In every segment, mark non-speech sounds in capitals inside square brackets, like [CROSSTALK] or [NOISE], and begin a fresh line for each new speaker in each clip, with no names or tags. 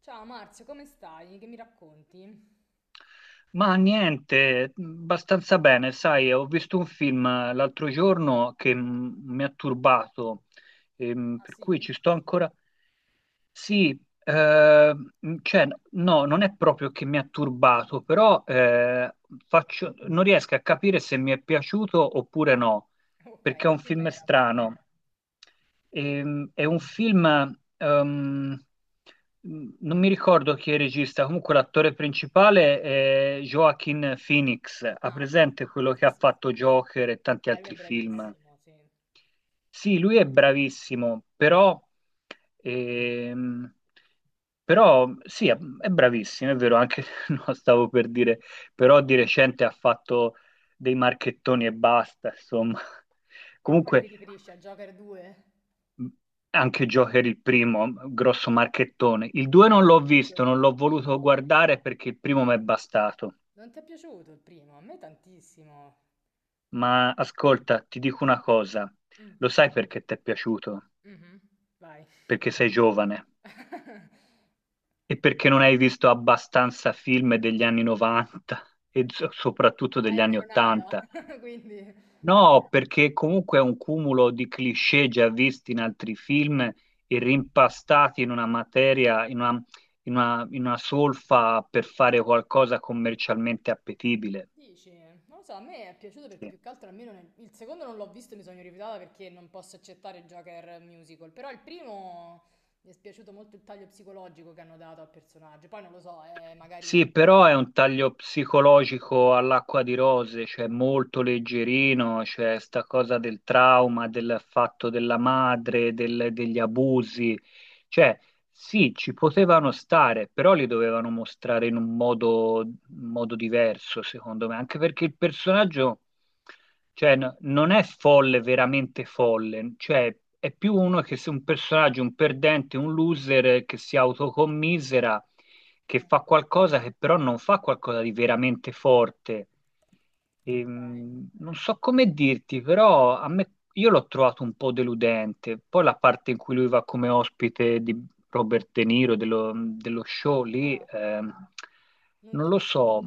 Ciao Marzio, come stai? Che mi racconti?
Ma niente, abbastanza bene, sai, ho visto un film l'altro giorno che mi ha turbato,
Ah
per cui
sì?
ci sto ancora, sì, ehm, cioè, no, non è proprio che mi ha turbato, però non riesco a capire se mi è piaciuto oppure no,
Ok,
perché è
che
un
film
film
era?
strano. È un film, ehm, non mi ricordo chi è il regista, comunque l'attore principale è Joaquin Phoenix, ha
Ah, ok.
presente quello che
Sì,
ha
sì, sì.
fatto Joker e tanti
Lui è
altri film?
bravissimo, sì.
Sì, lui è bravissimo, ehm, però sì, è bravissimo, è vero, anche [LAUGHS] no, stavo per dire, però di recente ha fatto dei marchettoni e basta, insomma.
A quale ti
Comunque,
riferisci? A Joker 2?
mh, anche Joker il primo, grosso marchettone. Il
Non
2
ti è
non l'ho
piaciuto
visto,
il
non l'ho voluto
primo?
guardare perché il primo mi è bastato.
Non ti è piaciuto il primo? A me tantissimo.
Ma ascolta, ti dico una cosa,
Mm.
lo sai perché ti è piaciuto?
Mhm. Vai.
Perché sei giovane.
[LAUGHS]
E perché non hai visto abbastanza film degli anni 90 e soprattutto
Dai,
degli
non
anni
ero
80?
nata, [LAUGHS] quindi...
No, perché comunque è un cumulo di cliché già visti in altri film e rimpastati in una materia, in una solfa per fare qualcosa commercialmente appetibile.
Dici, non lo so, a me è piaciuto perché
Sì.
più che altro almeno il secondo non l'ho visto, e mi sono rifiutata perché non posso accettare Joker musical, però il primo mi è piaciuto molto il taglio psicologico che hanno dato al personaggio, poi non lo so, è magari...
Sì, però è un taglio psicologico all'acqua di rose, cioè
Eh,
molto leggerino, cioè sta cosa del trauma, del fatto della madre, degli abusi. Cioè, sì, ci potevano stare, però li dovevano mostrare in un modo diverso, secondo me, anche perché il personaggio. Cioè, non è folle, veramente folle, cioè è più uno che se un personaggio, un perdente, un loser che si autocommisera, che
eh,
fa qualcosa che però non fa qualcosa di veramente forte.
ok.
Non so come dirti, però a me, io l'ho trovato un po' deludente. Poi la parte in cui lui va come ospite di Robert De Niro, dello show lì,
Ah, non ti
non
è
lo
piaciuto?
so.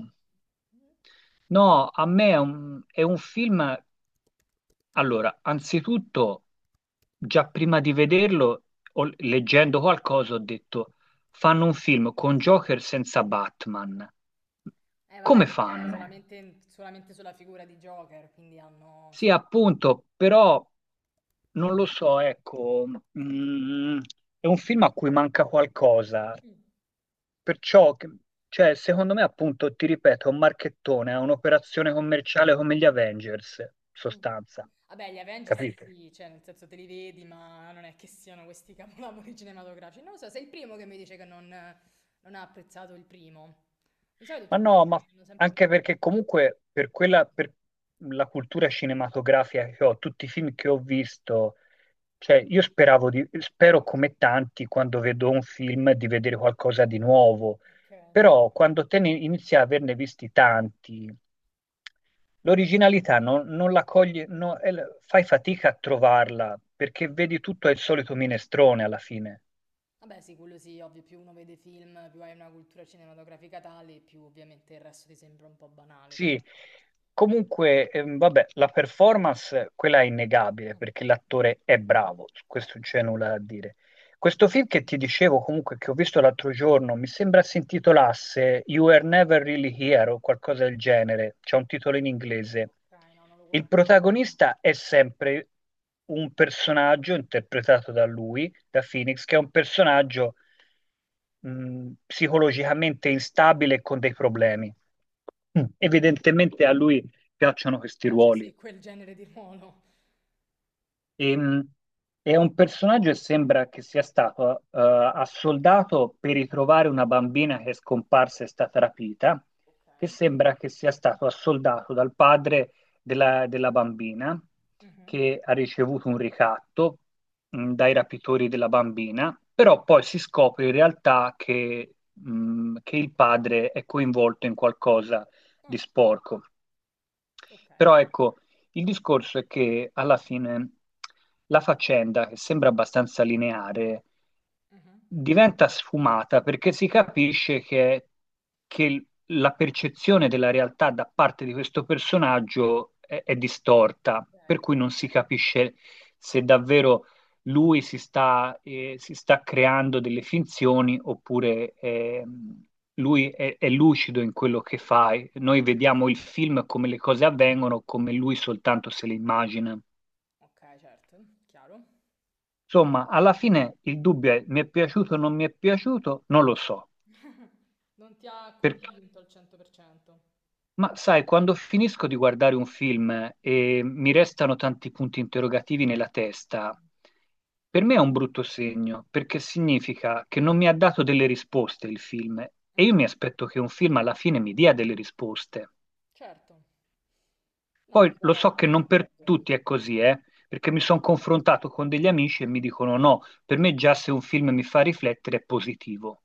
No, a me è un film allora, anzitutto, già prima di vederlo, leggendo qualcosa, ho detto, fanno un film con Joker senza Batman.
Eh vabbè,
Come
perché era
fanno?
solamente sulla figura di Joker, quindi hanno...
Sì,
Sì.
appunto, però non lo so, ecco, mm, è un film a cui manca qualcosa,
Mm.
perciò, cioè, secondo me, appunto, ti ripeto, è un marchettone, è un'operazione commerciale come gli Avengers, in
Mm.
sostanza,
Vabbè, gli Avengers
capito?
sì, cioè nel senso te li vedi, ma non è che siano questi capolavori [LAUGHS] cinematografici. Non lo so, sei il primo che mi dice che non, non ha apprezzato il primo. Di solito
Ma
tutti
no, ma
hanno sempre
anche
parlato.
perché comunque per quella, per la cultura cinematografica che ho, tutti i film che ho visto, cioè io speravo di, spero come tanti quando vedo un film di vedere qualcosa di nuovo,
Ok.
però quando te ne inizi a averne visti tanti, l'originalità non la coglie, no, è fai fatica a trovarla perché
Mm.
vedi tutto è il solito minestrone alla fine.
Vabbè, sì, quello sì, ovvio, più uno vede film, più hai una cultura cinematografica tale, più ovviamente il resto ti sembra un po' banale.
Sì, comunque, vabbè, la performance, quella è innegabile
Mm.
perché l'attore è bravo, su questo
Certo.
non c'è nulla da dire. Questo film che ti dicevo comunque che ho visto
Mhm.
l'altro giorno, mi sembra si intitolasse You Were Never Really Here o qualcosa del genere, c'è un titolo in inglese.
Ok, no, non lo
Il
conosco.
protagonista è sempre un personaggio interpretato da lui, da Phoenix, che è un personaggio psicologicamente instabile e con dei
Ok.
problemi. Evidentemente a lui piacciono questi
Piace
ruoli.
sì, quel genere di ruolo.
Ehm, è un personaggio che sembra che sia stato assoldato per ritrovare una bambina che è scomparsa e è stata rapita, che
Ok.
sembra che sia stato assoldato dal padre della bambina,
Mhm.
che ha ricevuto un ricatto dai rapitori della bambina, però poi si scopre in realtà che il padre è coinvolto in qualcosa di
Ah,
sporco.
ok.
Però ecco, il discorso è che alla fine la faccenda, che sembra abbastanza lineare,
Mhm.
diventa sfumata perché si capisce che la percezione della realtà da parte di questo personaggio è distorta,
Ok.
per cui non si capisce se davvero lui si sta creando delle finzioni oppure, lui è lucido in quello che fa. E noi vediamo il film come le cose avvengono, come lui soltanto se le immagina.
Ok, certo, chiaro.
Insomma, alla fine il dubbio è mi è piaciuto o non mi è piaciuto? Non lo so.
Non ti ha
Perché-
convinto al 100%.
ma sai, quando finisco di guardare un film e mi restano tanti punti interrogativi nella testa, per me è un brutto segno, perché significa che non mi ha dato delle risposte il film e io mi aspetto che un film alla fine mi dia delle risposte.
Certo. No, è
Poi
vero,
lo
no, su
so che
questo
non
hai
per
ragione.
tutti è così, perché mi sono confrontato con degli amici e mi dicono no, per me già se un film mi fa riflettere è positivo.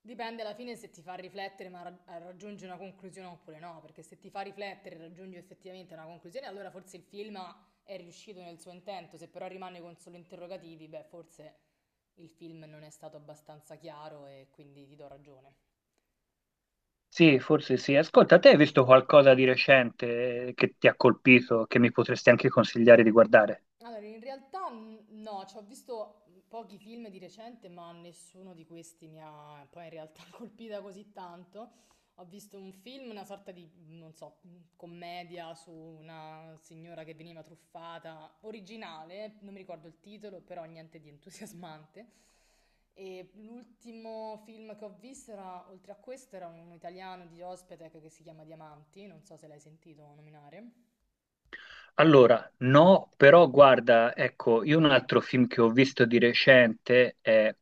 Dipende alla fine se ti fa riflettere ma raggiungi una conclusione oppure no, perché se ti fa riflettere e raggiungi effettivamente una conclusione, allora forse il film è riuscito nel suo intento, se però rimane con solo interrogativi, beh, forse il film non è stato abbastanza chiaro e quindi ti do ragione.
Sì, forse sì. Ascolta, te hai visto qualcosa di recente che ti ha colpito, che mi potresti anche consigliare di guardare?
Allora, in realtà no, ci ho visto pochi film di recente, ma nessuno di questi mi ha poi in realtà [LAUGHS] colpita così tanto. Ho visto un film, una sorta di, non so, commedia su una signora che veniva truffata, originale, non mi ricordo il titolo, però niente di entusiasmante. E l'ultimo film che ho visto era, oltre a questo, era un italiano di Ospetec che si chiama Diamanti, non so se l'hai sentito nominare.
Allora, no, però guarda, ecco, io un altro film che ho visto di recente è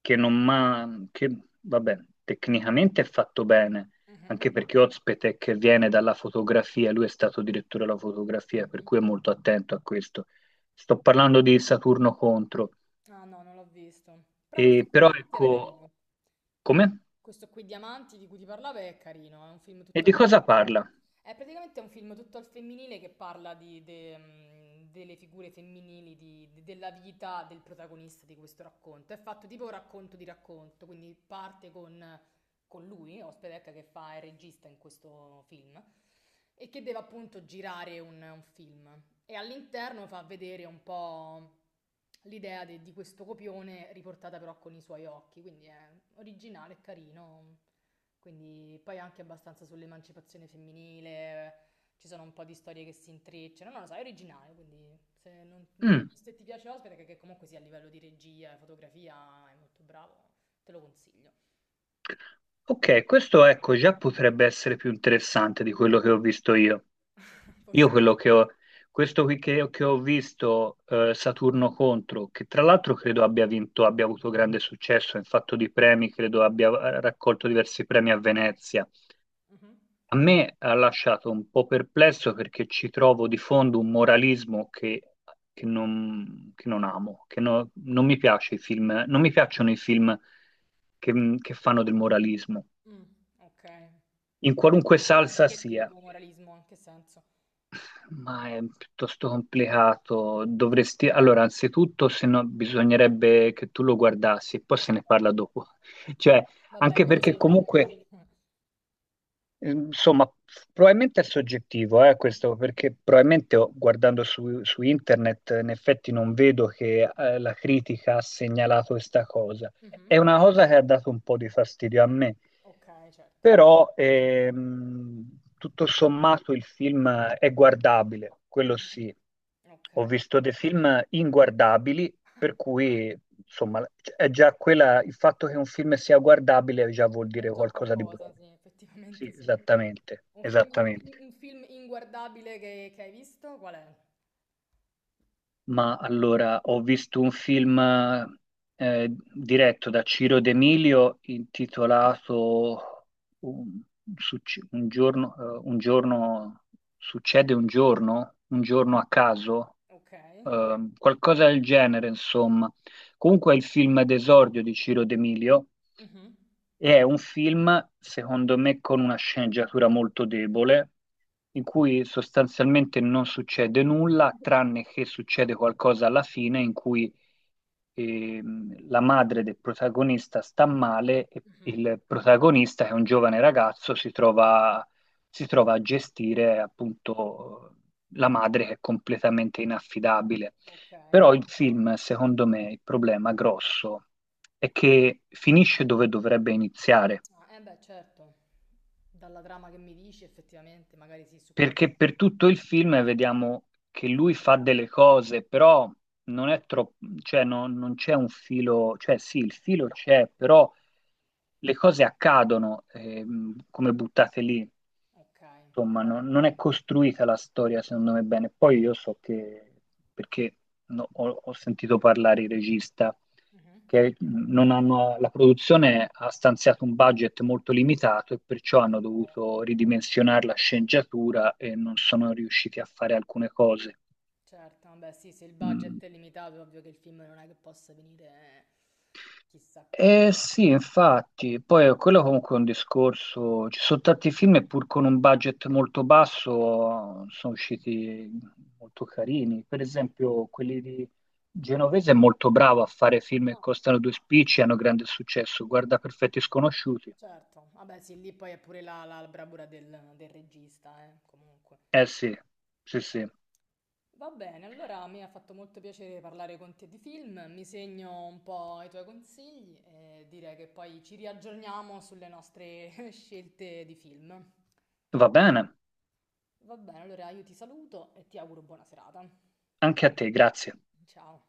che non ma che vabbè, tecnicamente è fatto bene,
Mhm,
anche perché Ozpete che viene dalla fotografia, lui è stato direttore della fotografia, per
mhm.
cui è molto attento a questo. Sto parlando di Saturno Contro,
Ah no, non l'ho visto. Però questo qui
però
Diamanti era
ecco,
carino. Que-
come?
Questo qui Diamanti di cui ti parlavo è carino, è un film
E
tutto
di
al
cosa
femminile.
parla?
È praticamente un film tutto al femminile che parla delle figure femminili, della vita del protagonista di questo racconto. È fatto tipo un racconto di racconto, quindi parte con lui, Ospedecca, che fa il regista in questo film, e che deve appunto girare un film. E all'interno fa vedere un po' l'idea di questo copione riportata però con i suoi occhi, quindi è originale e carino. Quindi poi anche abbastanza sull'emancipazione femminile, ci sono un po' di storie che si intrecciano, non lo so, è originale, quindi se non, non l'hai
Mm.
visto e ti piace Ospite, che comunque sia a livello di regia e fotografia è molto bravo, te lo consiglio.
Ok, questo ecco già potrebbe essere più interessante di quello che ho visto io.
[LAUGHS]
Io
Forse.
quello che ho, questo qui che ho visto, Saturno contro, che tra l'altro credo abbia vinto, abbia avuto grande successo in fatto di premi, credo abbia
Ok.
raccolto diversi premi a Venezia.
Mhm.
A me ha lasciato un po' perplesso perché ci trovo di fondo un moralismo che non, che non amo, che no- non mi piace i film, non mi piacciono i film che che fanno del moralismo
Mm. Ok.
in qualunque
Moralismo di
salsa
che
sia,
tipo? Moralismo, in che senso?
ma è piuttosto complicato. Dovresti, allora, anzitutto, se no, bisognerebbe che tu lo guardassi e poi
Ok.
se ne parla dopo. [LAUGHS] Cioè,
Va bene,
anche
me lo
perché
segno allora.
comunque,
Mh.
insomma, probabilmente è soggettivo, questo, perché probabilmente oh, guardando su internet, in effetti non vedo che la critica ha segnalato questa cosa.
Mh-mh.
È una cosa che ha dato un po' di fastidio a me.
Okay, certo.
Però tutto sommato il film è guardabile, quello
Mh-mh.
sì. Ho
Okay.
visto dei film inguardabili, per cui insomma è già quella, il fatto che un film sia guardabile già vuol
È
dire
già
qualcosa di
qualcosa,
buono.
sì, effettivamente
Sì,
sì.
esattamente,
Un film in in
esattamente.
un film inguardabile che hai visto qual è?
Ma allora, ho visto un film diretto da Ciro D'Emilio intitolato Un, succe- un giorno- succede un giorno a caso,
Okay.
qualcosa del genere, insomma. Comunque è il film d'esordio di Ciro D'Emilio
Mh-mh.
e è un film, secondo me, con una sceneggiatura molto debole, in cui sostanzialmente non succede nulla,
Okay.
tranne che succede qualcosa alla fine in cui la madre del protagonista sta male e
Mh-mh.
il protagonista, che è un giovane ragazzo, si trova, a gestire appunto la madre che è completamente inaffidabile.
Okay.
Però il film, secondo me, il problema grosso è che finisce dove dovrebbe iniziare,
Ah, eh beh, certo. Dalla trama che mi dici effettivamente magari sì, su quello
perché per tutto il film vediamo che lui fa delle cose, però non è troppo, cioè non c'è un filo, cioè sì, il filo c'è, però le cose accadono
mh-mh.
come buttate lì.
Okay.
Insomma, non è costruita la storia, secondo me, bene. Poi io so che, perché no, ho sentito parlare il regista,
Mh-mh.
che non hanno, la produzione ha stanziato un budget molto limitato e perciò hanno
Okay,
dovuto ridimensionare la sceneggiatura e non sono riusciti a fare alcune cose.
certo. Vabbè sì, se il budget
Mm,
è limitato è ovvio che il film non è che possa venire chissà che.
eh sì, infatti, poi quello comunque è un discorso, ci sono tanti film e pur con un budget molto basso sono usciti molto carini, per esempio quelli di Genovese è molto bravo a fare film che
Ah,
costano due spicci e hanno grande successo, guarda Perfetti Sconosciuti.
certo, vabbè sì, lì poi è pure la bravura del regista, comunque.
Eh sì, sì sì,
Va bene, allora mi ha fatto molto piacere parlare con te di film, mi segno un po' i tuoi consigli e direi che poi ci riaggiorniamo sulle nostre [LAUGHS] scelte di film.
va bene,
Va bene, allora io ti saluto e ti auguro buona serata.
anche a te, grazie.
Ciao.